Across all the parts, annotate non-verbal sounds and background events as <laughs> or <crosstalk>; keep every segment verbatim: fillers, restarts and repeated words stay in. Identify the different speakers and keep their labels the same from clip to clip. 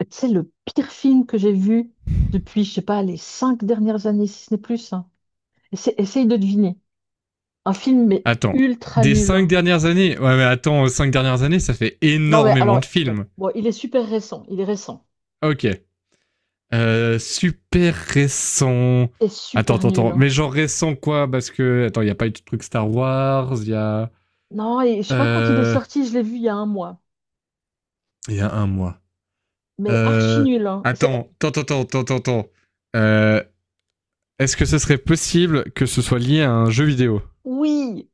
Speaker 1: Tu sais, le pire film que j'ai vu depuis, je sais pas, les cinq dernières années, si ce n'est plus, hein. Essa- Essaye de deviner. Un film, mais
Speaker 2: Attends,
Speaker 1: ultra
Speaker 2: des
Speaker 1: nul,
Speaker 2: cinq
Speaker 1: hein.
Speaker 2: dernières années. Ouais, mais attends, euh, cinq dernières années, ça fait
Speaker 1: Non, mais
Speaker 2: énormément
Speaker 1: alors,
Speaker 2: de
Speaker 1: non.
Speaker 2: films.
Speaker 1: Bon, il est super récent. Il est récent.
Speaker 2: Ok. Euh, super récent.
Speaker 1: Et
Speaker 2: Attends,
Speaker 1: super
Speaker 2: attends,
Speaker 1: nul,
Speaker 2: attends.
Speaker 1: hein.
Speaker 2: Mais genre récent, quoi. Parce que, attends, il n'y a pas eu de truc Star Wars, il y a...
Speaker 1: Non, et je sais pas quand il est
Speaker 2: Euh...
Speaker 1: sorti, je l'ai vu il y a un mois.
Speaker 2: Il y a un mois.
Speaker 1: Mais archi
Speaker 2: Euh...
Speaker 1: nul, hein. C'est.
Speaker 2: Attends, attends, attends, attends, attends. Euh... Est-ce que ce serait possible que ce soit lié à un jeu vidéo?
Speaker 1: Oui,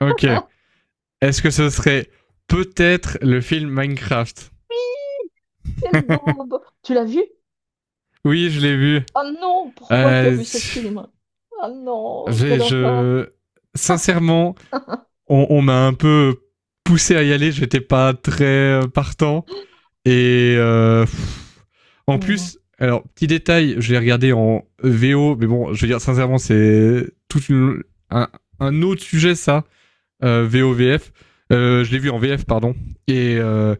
Speaker 2: Ok. Est-ce que ce serait peut-être le film Minecraft?
Speaker 1: quelle daube. Tu l'as vu?
Speaker 2: Oui, je l'ai vu.
Speaker 1: Oh non, pourquoi tu as
Speaker 2: Euh...
Speaker 1: vu ce film? Oh non,
Speaker 2: Je,
Speaker 1: quelle horreur.
Speaker 2: je... Sincèrement,
Speaker 1: <laughs>
Speaker 2: on, on m'a un peu poussé à y aller, j'étais pas très euh, partant. Et euh,
Speaker 1: Oh
Speaker 2: en
Speaker 1: non.
Speaker 2: plus, alors, petit détail, je l'ai regardé en V O, mais bon, je veux dire, sincèrement, c'est tout une, un, un, autre sujet, ça, euh, V O-V F. Euh, je l'ai vu en V F, pardon. Et euh,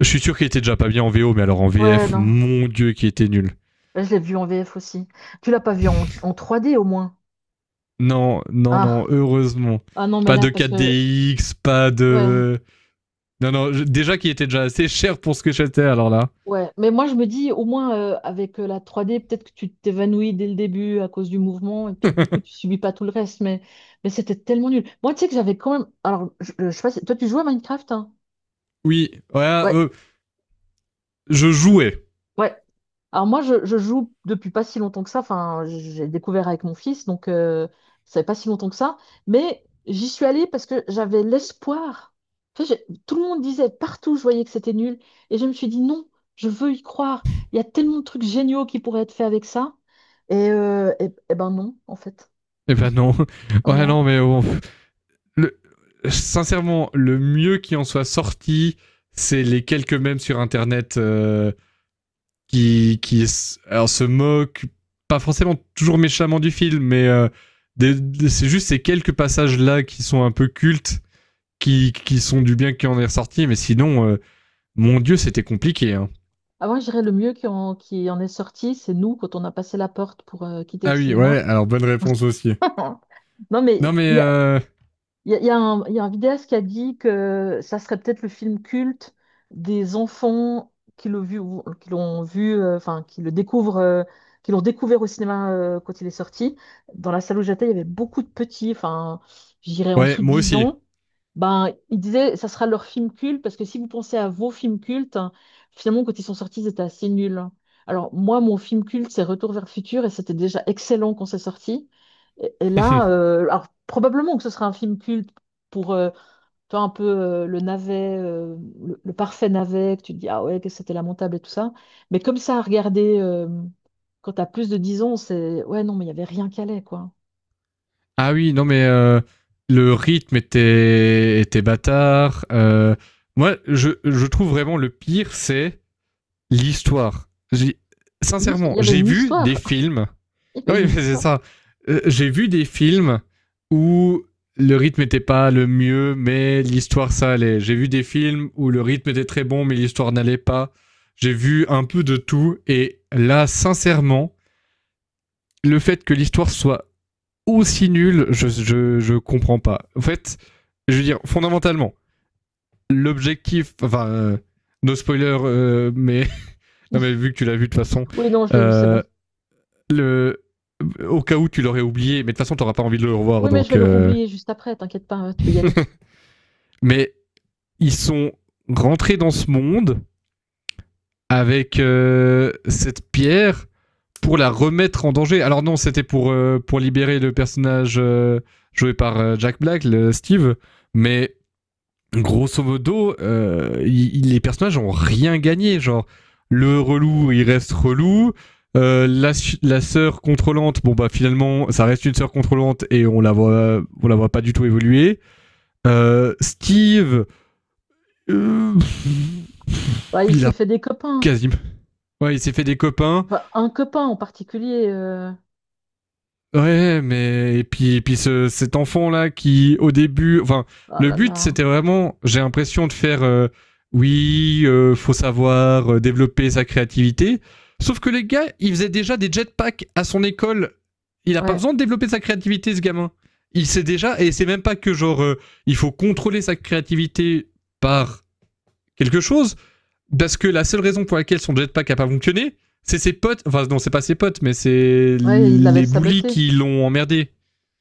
Speaker 2: je suis sûr qu'il était déjà pas bien en V O, mais alors en
Speaker 1: Ouais,
Speaker 2: V F,
Speaker 1: non.
Speaker 2: mon Dieu, qui était nul.
Speaker 1: Bah, je l'ai vu en V F aussi. Tu l'as pas vu en, en trois d au moins?
Speaker 2: Non, non, non,
Speaker 1: Ah,
Speaker 2: heureusement.
Speaker 1: ah non, mais
Speaker 2: Pas
Speaker 1: là,
Speaker 2: de
Speaker 1: parce que,
Speaker 2: quatre D X, pas
Speaker 1: ouais,
Speaker 2: de. Non, non, je- déjà qui était déjà assez cher pour ce que j'étais, alors là.
Speaker 1: ouais. Mais moi, je me dis, au moins, euh, avec euh, la trois d peut-être que tu t'évanouis dès le début à cause du mouvement et puis que du
Speaker 2: <laughs>
Speaker 1: coup, tu subis pas tout le reste. Mais, mais c'était tellement nul. Moi, tu sais que j'avais quand même. Alors, je, je sais pas si. Toi, tu joues à Minecraft, hein?
Speaker 2: Oui, ouais,
Speaker 1: Ouais,
Speaker 2: euh, je jouais.
Speaker 1: ouais. Alors moi, je, je joue depuis pas si longtemps que ça. Enfin, j'ai découvert avec mon fils, donc euh, ça fait pas si longtemps que ça. Mais j'y suis allée parce que j'avais l'espoir. Tu sais, j'ai- tout le monde disait partout, je voyais que c'était nul. Et je me suis dit non, je veux y croire. Il y a tellement de trucs géniaux qui pourraient être faits avec ça. Et, euh, et- et ben non, en fait.
Speaker 2: Eh ben non. <laughs> Ouais,
Speaker 1: Non.
Speaker 2: non, mais bon. Le- sincèrement, le mieux qui en soit sorti, c'est les quelques mèmes sur Internet, euh, qui, qui alors, se moquent, pas forcément toujours méchamment du film, mais euh, des- des- c'est juste ces quelques passages-là qui sont un peu cultes, qui, qui sont du bien qui en est ressorti, mais sinon, euh, mon Dieu, c'était compliqué, hein.
Speaker 1: Avant, je dirais le mieux qui en, qui en est sorti, c'est nous quand on a passé la porte pour euh, quitter le
Speaker 2: Ah oui,
Speaker 1: cinéma.
Speaker 2: ouais, alors bonne réponse aussi.
Speaker 1: <laughs> Non,
Speaker 2: Non
Speaker 1: mais
Speaker 2: mais
Speaker 1: il y
Speaker 2: euh,
Speaker 1: Il y a, il y a un, il y a un vidéaste qui a dit que ça serait peut-être le film culte des enfants qui l'ont vu, qui l'ont vu, euh, enfin, qui le découvrent, euh, qui l'ont découvert au cinéma euh, quand il est sorti. Dans la salle où j'étais, il y avait beaucoup de petits, enfin, je dirais en
Speaker 2: ouais,
Speaker 1: dessous de
Speaker 2: moi
Speaker 1: dix
Speaker 2: aussi.
Speaker 1: ans. Ben, il disait ça sera leur film culte parce que si vous pensez à vos films cultes, hein, finalement, quand ils sont sortis, ils étaient assez nuls, hein. Alors, moi, mon film culte, c'est Retour vers le futur et c'était déjà excellent quand c'est sorti. Et, et là,
Speaker 2: <laughs>
Speaker 1: euh, alors probablement que ce sera un film culte pour euh, toi un peu euh, le navet, euh, le, le parfait navet, que tu te dis ah ouais, que c'était lamentable et tout ça. Mais comme ça, à regarder euh, quand t'as plus de dix ans, c'est ouais, non, mais il n'y avait rien qu'à allait, quoi.
Speaker 2: Ah oui, non mais euh, le rythme était était bâtard. Euh, moi, je je trouve vraiment le pire, c'est l'histoire. J'ai-
Speaker 1: L'hist- Il
Speaker 2: Sincèrement,
Speaker 1: y avait
Speaker 2: j'ai
Speaker 1: une
Speaker 2: vu des
Speaker 1: histoire.
Speaker 2: films.
Speaker 1: <laughs> Il y avait
Speaker 2: Oui, <laughs>
Speaker 1: une
Speaker 2: mais c'est
Speaker 1: histoire.
Speaker 2: ça. Euh, J'ai vu des films où le rythme n'était pas le mieux, mais l'histoire ça allait. J'ai vu des films où le rythme était très bon, mais l'histoire n'allait pas. J'ai vu un peu de tout et là, sincèrement, le fait que l'histoire soit aussi nul, je, je, je comprends pas. En fait, je veux dire, fondamentalement, l'objectif, enfin, euh, no spoiler, euh, mais, <laughs> non, mais vu que tu l'as vu de toute façon,
Speaker 1: Oui, non, je l'ai vu, c'est
Speaker 2: euh,
Speaker 1: bon.
Speaker 2: le, au cas où tu l'aurais oublié, mais de toute façon, t'auras pas envie de le revoir,
Speaker 1: Oui, mais je vais
Speaker 2: donc,
Speaker 1: le
Speaker 2: euh,
Speaker 1: roublier juste après, t'inquiète pas, hein, tu peux y aller.
Speaker 2: mais ils sont rentrés dans ce monde avec euh, cette pierre pour la remettre en danger. Alors non, c'était pour, euh, pour libérer le personnage euh, joué par euh, Jack Black, le Steve, mais grosso modo, euh, il- il- les personnages ont rien gagné. Genre, le relou, il reste relou. Euh, la, la sœur contrôlante, bon bah finalement, ça reste une sœur contrôlante et on la voit, on la voit pas du tout évoluer. Euh, Steve, euh,
Speaker 1: Bah, il
Speaker 2: il
Speaker 1: s'est
Speaker 2: a
Speaker 1: fait des copains.
Speaker 2: quasiment, ouais, il s'est fait des copains.
Speaker 1: Enfin, un copain en particulier. euh,
Speaker 2: Ouais, mais et puis et puis ce, cet enfant là qui au début, enfin
Speaker 1: Oh
Speaker 2: le
Speaker 1: là
Speaker 2: but
Speaker 1: là.
Speaker 2: c'était vraiment, j'ai l'impression de faire, euh, oui, euh, faut savoir, euh, développer sa créativité. Sauf que les gars, ils faisaient déjà des jetpacks à son école. Il a pas
Speaker 1: Ouais,
Speaker 2: besoin de développer sa créativité, ce gamin. Il sait déjà et c'est même pas que genre, euh, il faut contrôler sa créativité par quelque chose. Parce que la seule raison pour laquelle son jetpack a pas fonctionné, c'est ses potes. Enfin, non, c'est pas ses potes, mais c'est
Speaker 1: ouais, il l'avait
Speaker 2: les bullies
Speaker 1: saboté.
Speaker 2: qui l'ont emmerdé.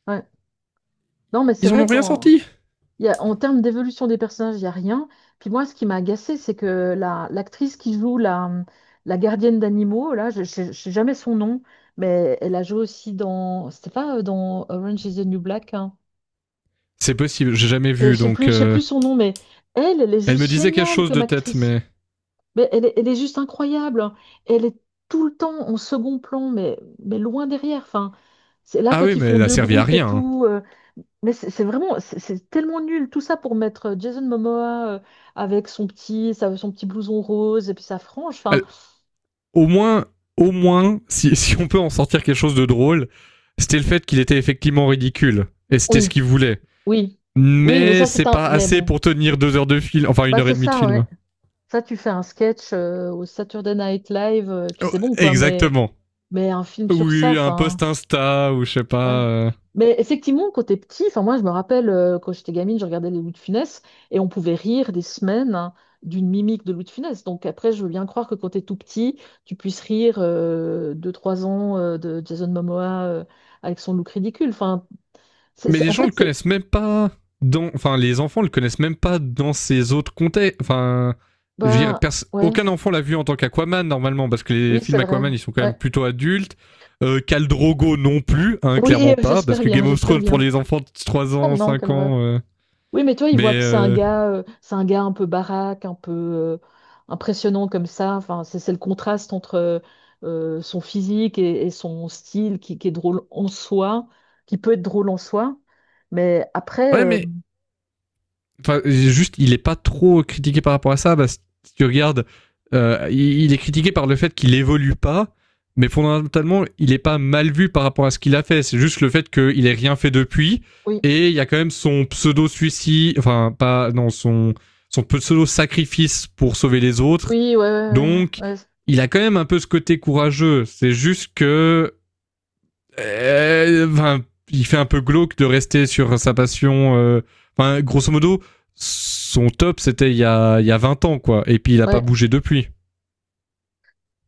Speaker 1: Ouais. Non, mais c'est
Speaker 2: Ils en ont
Speaker 1: vrai
Speaker 2: rien
Speaker 1: qu'en
Speaker 2: sorti.
Speaker 1: Il y a- en termes d'évolution des personnages, il n'y a rien. Puis moi, ce qui m'a agacé, c'est que la, l'actrice qui joue la, la gardienne d'animaux, là, je ne sais jamais son nom, mais elle a joué aussi dans. C'était pas euh, dans Orange is the New Black, hein.
Speaker 2: C'est possible, j'ai jamais
Speaker 1: Je ne
Speaker 2: vu,
Speaker 1: sais
Speaker 2: donc,
Speaker 1: plus, je sais
Speaker 2: euh,
Speaker 1: plus son nom, mais elle, elle est
Speaker 2: elle me
Speaker 1: juste
Speaker 2: disait quelque
Speaker 1: géniale
Speaker 2: chose
Speaker 1: comme
Speaker 2: de tête,
Speaker 1: actrice.
Speaker 2: mais.
Speaker 1: Mais elle est, elle est juste incroyable, hein. Elle est tout le temps en second plan, mais, mais loin derrière. Enfin, c'est là,
Speaker 2: Ah
Speaker 1: quand
Speaker 2: oui,
Speaker 1: ils
Speaker 2: mais
Speaker 1: font
Speaker 2: elle a
Speaker 1: deux
Speaker 2: servi à
Speaker 1: groupes et
Speaker 2: rien, hein.
Speaker 1: tout. Euh, mais c'est c'est vraiment, c'est c'est tellement nul, tout ça pour mettre euh, Jason Momoa euh, avec son petit, sa- son petit blouson rose et puis sa frange. Enfin,
Speaker 2: Elle- Au moins, au moins, si, <laughs> si on peut en sortir quelque chose de drôle, c'était le fait qu'il était effectivement ridicule. Et c'était ce
Speaker 1: oui,
Speaker 2: qu'il voulait.
Speaker 1: oui, oui, mais
Speaker 2: Mais
Speaker 1: ça
Speaker 2: c'est
Speaker 1: c'est un,
Speaker 2: pas
Speaker 1: mais
Speaker 2: assez
Speaker 1: bon,
Speaker 2: pour tenir deux heures de film, enfin une
Speaker 1: bah
Speaker 2: heure et
Speaker 1: c'est
Speaker 2: demie de
Speaker 1: ça,
Speaker 2: film.
Speaker 1: ouais. Ça tu fais un sketch euh, au Saturday Night Live, euh, et puis c'est bon quoi. Mais
Speaker 2: Exactement.
Speaker 1: mais un film sur ça,
Speaker 2: Oui, un
Speaker 1: enfin.
Speaker 2: post Insta ou je sais
Speaker 1: Ouais.
Speaker 2: pas. euh.
Speaker 1: Mais effectivement, quand t'es petit, enfin moi je me rappelle euh, quand j'étais gamine, je regardais les Louis de Funès et on pouvait rire des semaines hein, d'une mimique de Louis de Funès. Donc après, je veux bien croire que quand t'es tout petit, tu puisses rire euh, de trois ans euh, de Jason Momoa euh, avec son look ridicule. Enfin, c'est,
Speaker 2: Mais
Speaker 1: c'est-
Speaker 2: les
Speaker 1: en
Speaker 2: gens
Speaker 1: fait,
Speaker 2: le
Speaker 1: c'est
Speaker 2: connaissent même pas dans. Enfin, les enfants le connaissent même pas dans ces autres contextes. Enfin, je veux dire,
Speaker 1: bah
Speaker 2: pers-
Speaker 1: ouais,
Speaker 2: aucun enfant l'a vu en tant qu'Aquaman normalement, parce que les
Speaker 1: oui, c'est
Speaker 2: films
Speaker 1: vrai.
Speaker 2: Aquaman ils sont quand même
Speaker 1: Ouais.
Speaker 2: plutôt adultes. Euh, Khal Drogo non plus, hein,
Speaker 1: Oui,
Speaker 2: clairement
Speaker 1: <laughs> euh,
Speaker 2: pas, parce
Speaker 1: j'espère
Speaker 2: que
Speaker 1: bien,
Speaker 2: Game of
Speaker 1: j'espère
Speaker 2: Thrones pour
Speaker 1: bien.
Speaker 2: les enfants de trois
Speaker 1: Oh
Speaker 2: ans,
Speaker 1: non,
Speaker 2: cinq
Speaker 1: quelle horreur.
Speaker 2: ans. euh.
Speaker 1: Oui, mais toi, il
Speaker 2: Mais.
Speaker 1: voit que c'est un
Speaker 2: euh,
Speaker 1: gars, euh, c'est un gars un peu baraque, un peu euh, impressionnant comme ça. Enfin, c'est c'est le contraste entre euh, euh, son physique et, et son style qui, qui est drôle en soi, qui peut être drôle en soi. Mais après,
Speaker 2: Ouais,
Speaker 1: euh,
Speaker 2: mais enfin, juste, il est pas trop critiqué par rapport à ça. Bah si tu regardes, euh, il est critiqué par le fait qu'il évolue pas, mais fondamentalement, il est pas mal vu par rapport à ce qu'il a fait. C'est juste le fait qu'il ait rien fait depuis.
Speaker 1: oui,
Speaker 2: Et il y a quand même son pseudo suicide, enfin pas non son son pseudo sacrifice pour sauver les autres.
Speaker 1: oui, ouais, ouais, ouais,
Speaker 2: Donc,
Speaker 1: ouais,
Speaker 2: il a quand même un peu ce côté courageux. C'est juste que, euh, enfin, il fait un peu glauque de rester sur sa passion, euh, enfin, grosso modo, son top, c'était il y a, il y a vingt ans, quoi. Et puis, il a pas
Speaker 1: ouais.
Speaker 2: bougé depuis.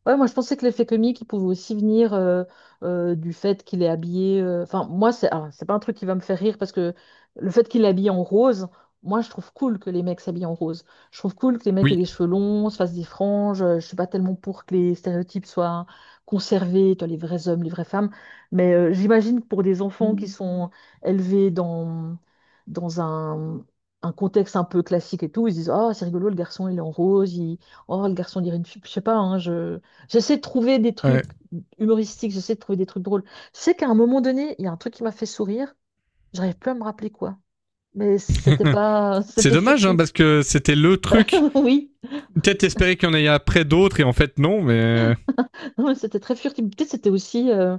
Speaker 1: Ouais, moi je pensais que l'effet comique il pouvait aussi venir euh, euh, du fait qu'il est habillé. euh, Enfin, moi c'est alors, c'est pas un truc qui va me faire rire parce que le fait qu'il est habillé en rose, moi je trouve cool que les mecs s'habillent en rose. Je trouve cool que les mecs aient
Speaker 2: Oui.
Speaker 1: des cheveux longs, se fassent des franges. euh, Je suis pas tellement pour que les stéréotypes soient conservés, tu vois, les vrais hommes, les vraies femmes. Mais euh, j'imagine que pour des enfants qui sont élevés dans dans un un contexte un peu classique et tout, ils se disent oh c'est rigolo le garçon il est en rose. Il... oh le garçon dirait une fille, je sais pas, hein, je J'essaie de trouver des
Speaker 2: Ouais.
Speaker 1: trucs humoristiques, j'essaie de trouver des trucs drôles. Je sais qu'à un moment donné, il y a un truc qui m'a fait sourire. J'arrive plus à me rappeler quoi. Mais c'était
Speaker 2: <laughs>
Speaker 1: pas, <laughs>
Speaker 2: C'est
Speaker 1: c'était
Speaker 2: dommage, hein,
Speaker 1: furtif.
Speaker 2: parce que c'était le truc.
Speaker 1: <laughs> Oui,
Speaker 2: Peut-être espérer qu'il y en ait après d'autres, et en fait, non, mais...
Speaker 1: non, mais c'était très furtif. Peut-être c'était aussi euh,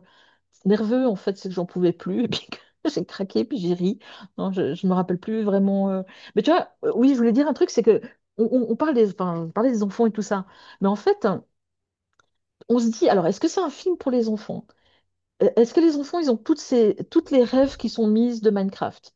Speaker 1: nerveux en fait, c'est que j'en pouvais plus <laughs> et puis que <laughs> j'ai craqué puis j'ai ri. Non, je, je me rappelle plus vraiment. euh. Mais tu vois, euh, oui, je voulais dire un truc, c'est que on, on- on parle des, enfin, on parlait des enfants et tout ça. Mais en fait, on se dit, alors est-ce que c'est un film pour les enfants? Euh, Est-ce que les enfants, ils ont toutes ces, toutes les rêves qui sont mises de Minecraft?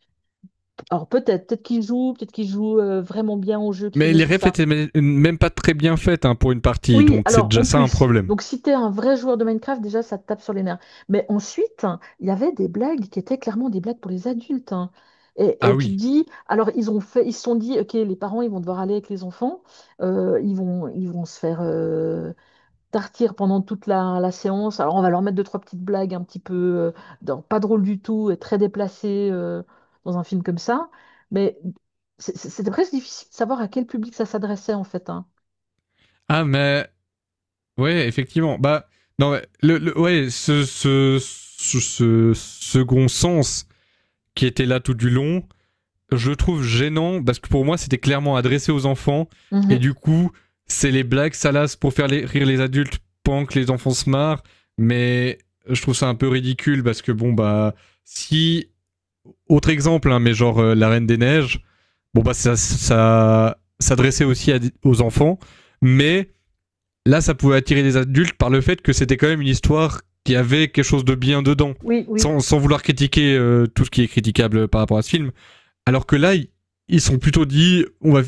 Speaker 1: Alors peut-être, peut-être qu'ils jouent, peut-être qu'ils jouent euh, vraiment bien au jeu, qu'ils
Speaker 2: Mais les
Speaker 1: connaissent tout
Speaker 2: refs
Speaker 1: ça.
Speaker 2: étaient même pas très bien faites, hein, pour une partie,
Speaker 1: Oui,
Speaker 2: donc c'est
Speaker 1: alors
Speaker 2: déjà
Speaker 1: en
Speaker 2: ça un
Speaker 1: plus.
Speaker 2: problème.
Speaker 1: Donc si t'es un vrai joueur de Minecraft, déjà ça te tape sur les nerfs. Mais ensuite, il y avait des blagues qui étaient clairement des blagues pour les adultes, hein. Et,
Speaker 2: Ah
Speaker 1: et tu te
Speaker 2: oui.
Speaker 1: dis, alors ils ont fait, ils se sont dit, ok, les parents ils vont devoir aller avec les enfants, euh, ils vont, ils vont se faire, euh, tartir pendant toute la, la séance. Alors, on va leur mettre deux, trois petites blagues un petit peu euh, dans- pas drôles du tout et très déplacées euh, dans un film comme ça. Mais c'est- c'est- c'était presque difficile de savoir à quel public ça s'adressait, en fait, hein.
Speaker 2: Ah, mais... Ouais, effectivement. Bah, non, le, le- ouais, ce, ce, ce second sens qui était là tout du long, je le trouve gênant parce que pour moi c'était clairement adressé aux enfants et
Speaker 1: Mhm.
Speaker 2: du coup c'est les blagues salaces pour faire les, rire les adultes pendant que les enfants se marrent, mais je trouve ça un peu ridicule parce que bon bah si autre exemple hein, mais genre, euh, la Reine des Neiges, bon bah ça, ça s'adressait aussi à, aux enfants, mais là ça pouvait attirer les adultes par le fait que c'était quand même une histoire qui avait quelque chose de bien dedans.
Speaker 1: Oui, oui.
Speaker 2: Sans, sans vouloir critiquer, euh, tout ce qui est critiquable par rapport à ce film, alors que là, ils sont plutôt dit, on va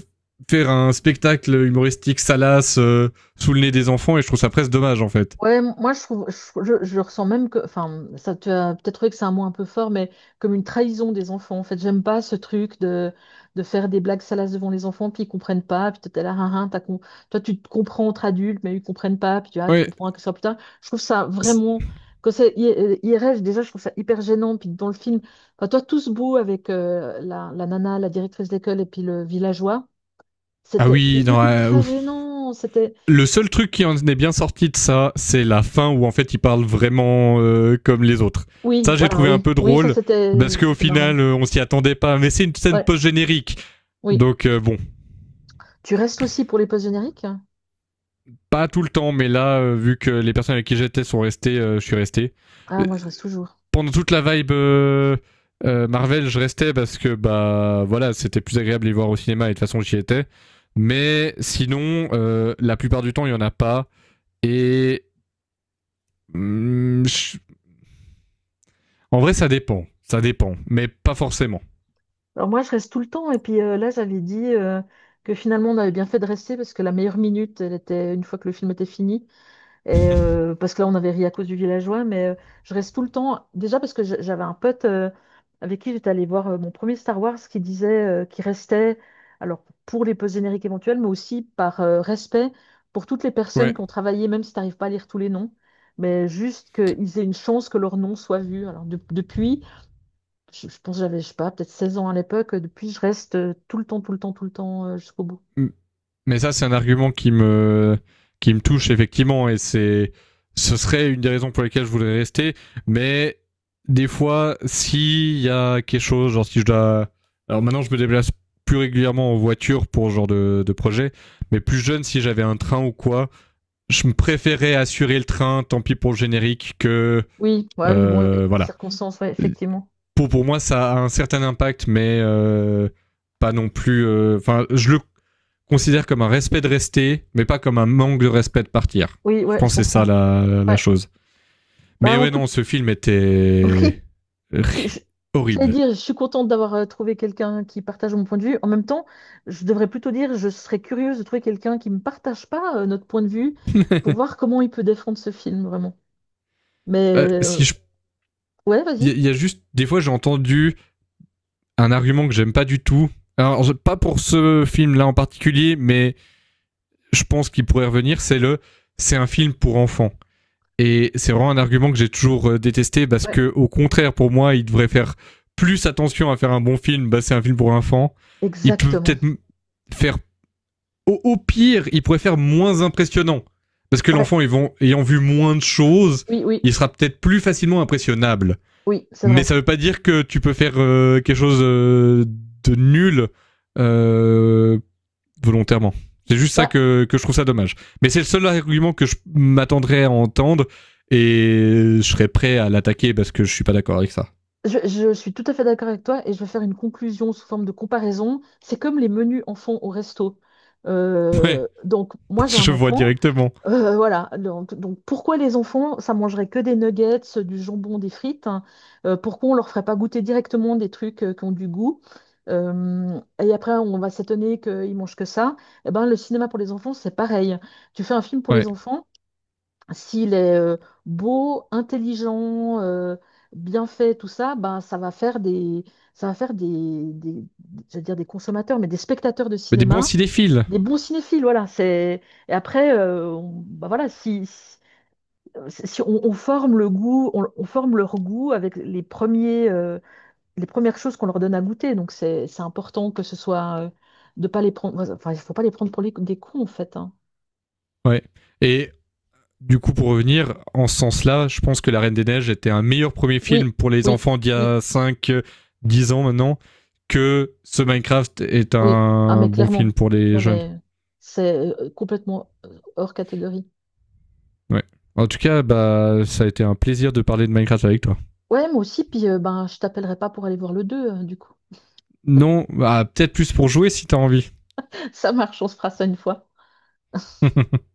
Speaker 2: faire un spectacle humoristique salace, euh, sous le nez des enfants et je trouve ça presque dommage en fait.
Speaker 1: Ouais, m- moi je trouve, je, je- je ressens même que, enfin, ça tu as peut-être trouvé que c'est un mot un peu fort, mais comme une trahison des enfants. En fait, j'aime pas ce truc de, de faire des blagues salaces devant les enfants, puis ils comprennent pas, puis t'es là, hein, hein, t'as con- toi tu te comprends entre adultes, mais ils comprennent pas, puis tu, ah, tu
Speaker 2: Ouais.
Speaker 1: comprends que ça plus tard. Je trouve ça vraiment, quand c'est I- euh, I R L, déjà je trouve ça hyper gênant, puis dans le film, enfin, toi tout ce beau avec euh, la, la nana, la directrice d'école, et puis le villageois,
Speaker 2: Ah
Speaker 1: c'était
Speaker 2: oui, non, euh,
Speaker 1: ultra
Speaker 2: ouf.
Speaker 1: gênant, c'était.
Speaker 2: Le seul truc qui en est bien sorti de ça, c'est la fin où en fait ils parlent vraiment, euh, comme les autres.
Speaker 1: Oui,
Speaker 2: Ça, j'ai
Speaker 1: voilà,
Speaker 2: trouvé un
Speaker 1: oui,
Speaker 2: peu
Speaker 1: oui, ça
Speaker 2: drôle
Speaker 1: c'était
Speaker 2: parce qu'au
Speaker 1: c'était marrant.
Speaker 2: final, euh, on s'y attendait pas. Mais c'est une scène
Speaker 1: Ouais,
Speaker 2: post-générique.
Speaker 1: oui.
Speaker 2: Donc, euh, bon,
Speaker 1: Tu restes aussi pour les postes génériques?
Speaker 2: pas tout le temps, mais là, euh, vu que les personnes avec qui j'étais sont restées, euh, je suis resté.
Speaker 1: Ah,
Speaker 2: Euh,
Speaker 1: moi, je reste toujours.
Speaker 2: pendant toute la vibe, euh, euh, Marvel, je restais parce que bah voilà, c'était plus agréable de les voir au cinéma et de toute façon j'y étais. Mais sinon, euh, la plupart du temps, il y en a pas. Et hum, je- en vrai, ça dépend, ça dépend, mais pas forcément.
Speaker 1: Alors, moi, je reste tout le temps. Et puis euh, là, j'avais dit euh, que finalement, on avait bien fait de rester parce que la meilleure minute, elle était une fois que le film était fini. Et, euh,
Speaker 2: <laughs>
Speaker 1: parce que là, on avait ri à cause du villageois, mais euh, je reste tout le temps. Déjà parce que je- j'avais un pote euh, avec qui j'étais allée voir euh, mon premier Star Wars qui disait euh, qu'il restait, alors pour les post-génériques éventuels, mais aussi par euh, respect pour toutes les personnes
Speaker 2: Ouais.
Speaker 1: qui ont travaillé, même si tu n'arrives pas à lire tous les noms, mais juste qu'ils aient une chance que leur nom soit vu. Alors de- depuis, je, je pense que j'avais, je sais pas, peut-être seize ans à l'époque, euh, depuis, je reste euh, tout le temps, tout le temps, tout le temps euh, jusqu'au bout.
Speaker 2: Mais ça, c'est un argument qui me, qui me touche effectivement, et c'est, ce serait une des raisons pour lesquelles je voudrais rester. Mais des fois, s'il y a quelque chose, genre si je dois, alors maintenant je me déplace plus régulièrement en voiture pour ce genre de, de projet, mais plus jeune, si j'avais un train ou quoi, je me préférais assurer le train, tant pis pour le générique, que,
Speaker 1: Oui, ouais, oui, bon, oui,
Speaker 2: euh,
Speaker 1: les
Speaker 2: voilà,
Speaker 1: circonstances, ouais, effectivement.
Speaker 2: pour, pour moi, ça a un certain impact, mais, euh, pas non plus. Enfin, euh, enfin, je le considère comme un respect de rester, mais pas comme un manque de respect de partir.
Speaker 1: Oui,
Speaker 2: Je
Speaker 1: ouais, je
Speaker 2: pense que c'est ça
Speaker 1: comprends.
Speaker 2: la, la, la
Speaker 1: Ouais.
Speaker 2: chose. Mais
Speaker 1: Bah, en
Speaker 2: ouais, non,
Speaker 1: tout,
Speaker 2: ce film
Speaker 1: <laughs>
Speaker 2: était
Speaker 1: oui, je, je- j'allais
Speaker 2: horrible.
Speaker 1: dire, je suis contente d'avoir euh, trouvé quelqu'un qui partage mon point de vue. En même temps, je devrais plutôt dire, je serais curieuse de trouver quelqu'un qui ne partage pas euh, notre point de vue
Speaker 2: <laughs>
Speaker 1: pour voir comment il peut défendre ce film, vraiment. Mais
Speaker 2: Euh, si
Speaker 1: euh,
Speaker 2: je,
Speaker 1: ouais, vas-y.
Speaker 2: il y a juste des fois j'ai entendu un argument que j'aime pas du tout. Alors pas pour ce film-là en particulier, mais je pense qu'il pourrait revenir. C'est le, c'est un film pour enfants. Et c'est vraiment un argument que j'ai toujours, euh, détesté parce
Speaker 1: Ouais,
Speaker 2: que, au contraire, pour moi, il devrait faire plus attention à faire un bon film. Bah, c'est un film pour enfants. Il peut
Speaker 1: exactement.
Speaker 2: peut-être faire, au, au pire, il pourrait faire moins impressionnant. Parce que
Speaker 1: Ouais,
Speaker 2: l'enfant, ils vont- ayant vu moins de choses,
Speaker 1: oui, oui,
Speaker 2: il sera peut-être plus facilement impressionnable.
Speaker 1: oui, c'est
Speaker 2: Mais
Speaker 1: vrai.
Speaker 2: ça veut pas dire que tu peux faire, euh, quelque chose, euh, de nul, euh, volontairement. C'est juste ça
Speaker 1: Bah,
Speaker 2: que, que je trouve ça dommage. Mais c'est le seul argument que je m'attendrais à entendre et je serais prêt à l'attaquer parce que je suis pas d'accord avec ça.
Speaker 1: je, je suis tout à fait d'accord avec toi et je vais faire une conclusion sous forme de comparaison. C'est comme les menus enfants au resto.
Speaker 2: <laughs>
Speaker 1: Euh,
Speaker 2: Ouais,
Speaker 1: donc, moi, j'ai un
Speaker 2: je vois
Speaker 1: enfant.
Speaker 2: directement.
Speaker 1: Euh, voilà, donc, donc pourquoi les enfants, ça mangerait que des nuggets, du jambon, des frites, hein? Euh, pourquoi on leur ferait pas goûter directement des trucs euh, qui ont du goût? Euh, et après, on va s'étonner qu'ils mangent que ça. Eh ben, le cinéma pour les enfants, c'est pareil. Tu fais un film pour
Speaker 2: Ouais.
Speaker 1: les enfants, s'il est euh, beau, intelligent, euh, bien fait, tout ça, ben, ça va faire des, ça va faire des, des, j'allais dire des consommateurs, mais des spectateurs de
Speaker 2: Mais des bons
Speaker 1: cinéma
Speaker 2: cinéphiles.
Speaker 1: des bons cinéphiles, voilà. C'est. Et après, euh, on- bah voilà, si, si, euh, si on, on forme le goût, on, on forme leur goût avec les premiers, euh, les premières choses qu'on leur donne à goûter. Donc c'est, c'est important que ce soit euh, de pas les prendre. Enfin, il faut pas les prendre pour les- des cons en fait, hein.
Speaker 2: Ouais. Et du coup, pour revenir, en ce sens-là, je pense que La Reine des Neiges était un meilleur premier
Speaker 1: Oui,
Speaker 2: film pour les
Speaker 1: oui,
Speaker 2: enfants d'il y
Speaker 1: oui,
Speaker 2: a cinq dix ans maintenant que ce Minecraft est
Speaker 1: oui. Ah
Speaker 2: un
Speaker 1: mais
Speaker 2: bon film
Speaker 1: clairement.
Speaker 2: pour les
Speaker 1: Non
Speaker 2: jeunes.
Speaker 1: mais c'est euh, complètement euh, hors catégorie.
Speaker 2: Ouais. En tout cas, bah, ça a été un plaisir de parler de Minecraft avec toi.
Speaker 1: Ouais, moi aussi. Puis euh, ben, je t'appellerai pas pour aller voir le deux, euh, du coup.
Speaker 2: Non, bah, peut-être plus pour jouer si t'as envie.
Speaker 1: <laughs> Ça marche, on se fera ça une fois.
Speaker 2: <laughs>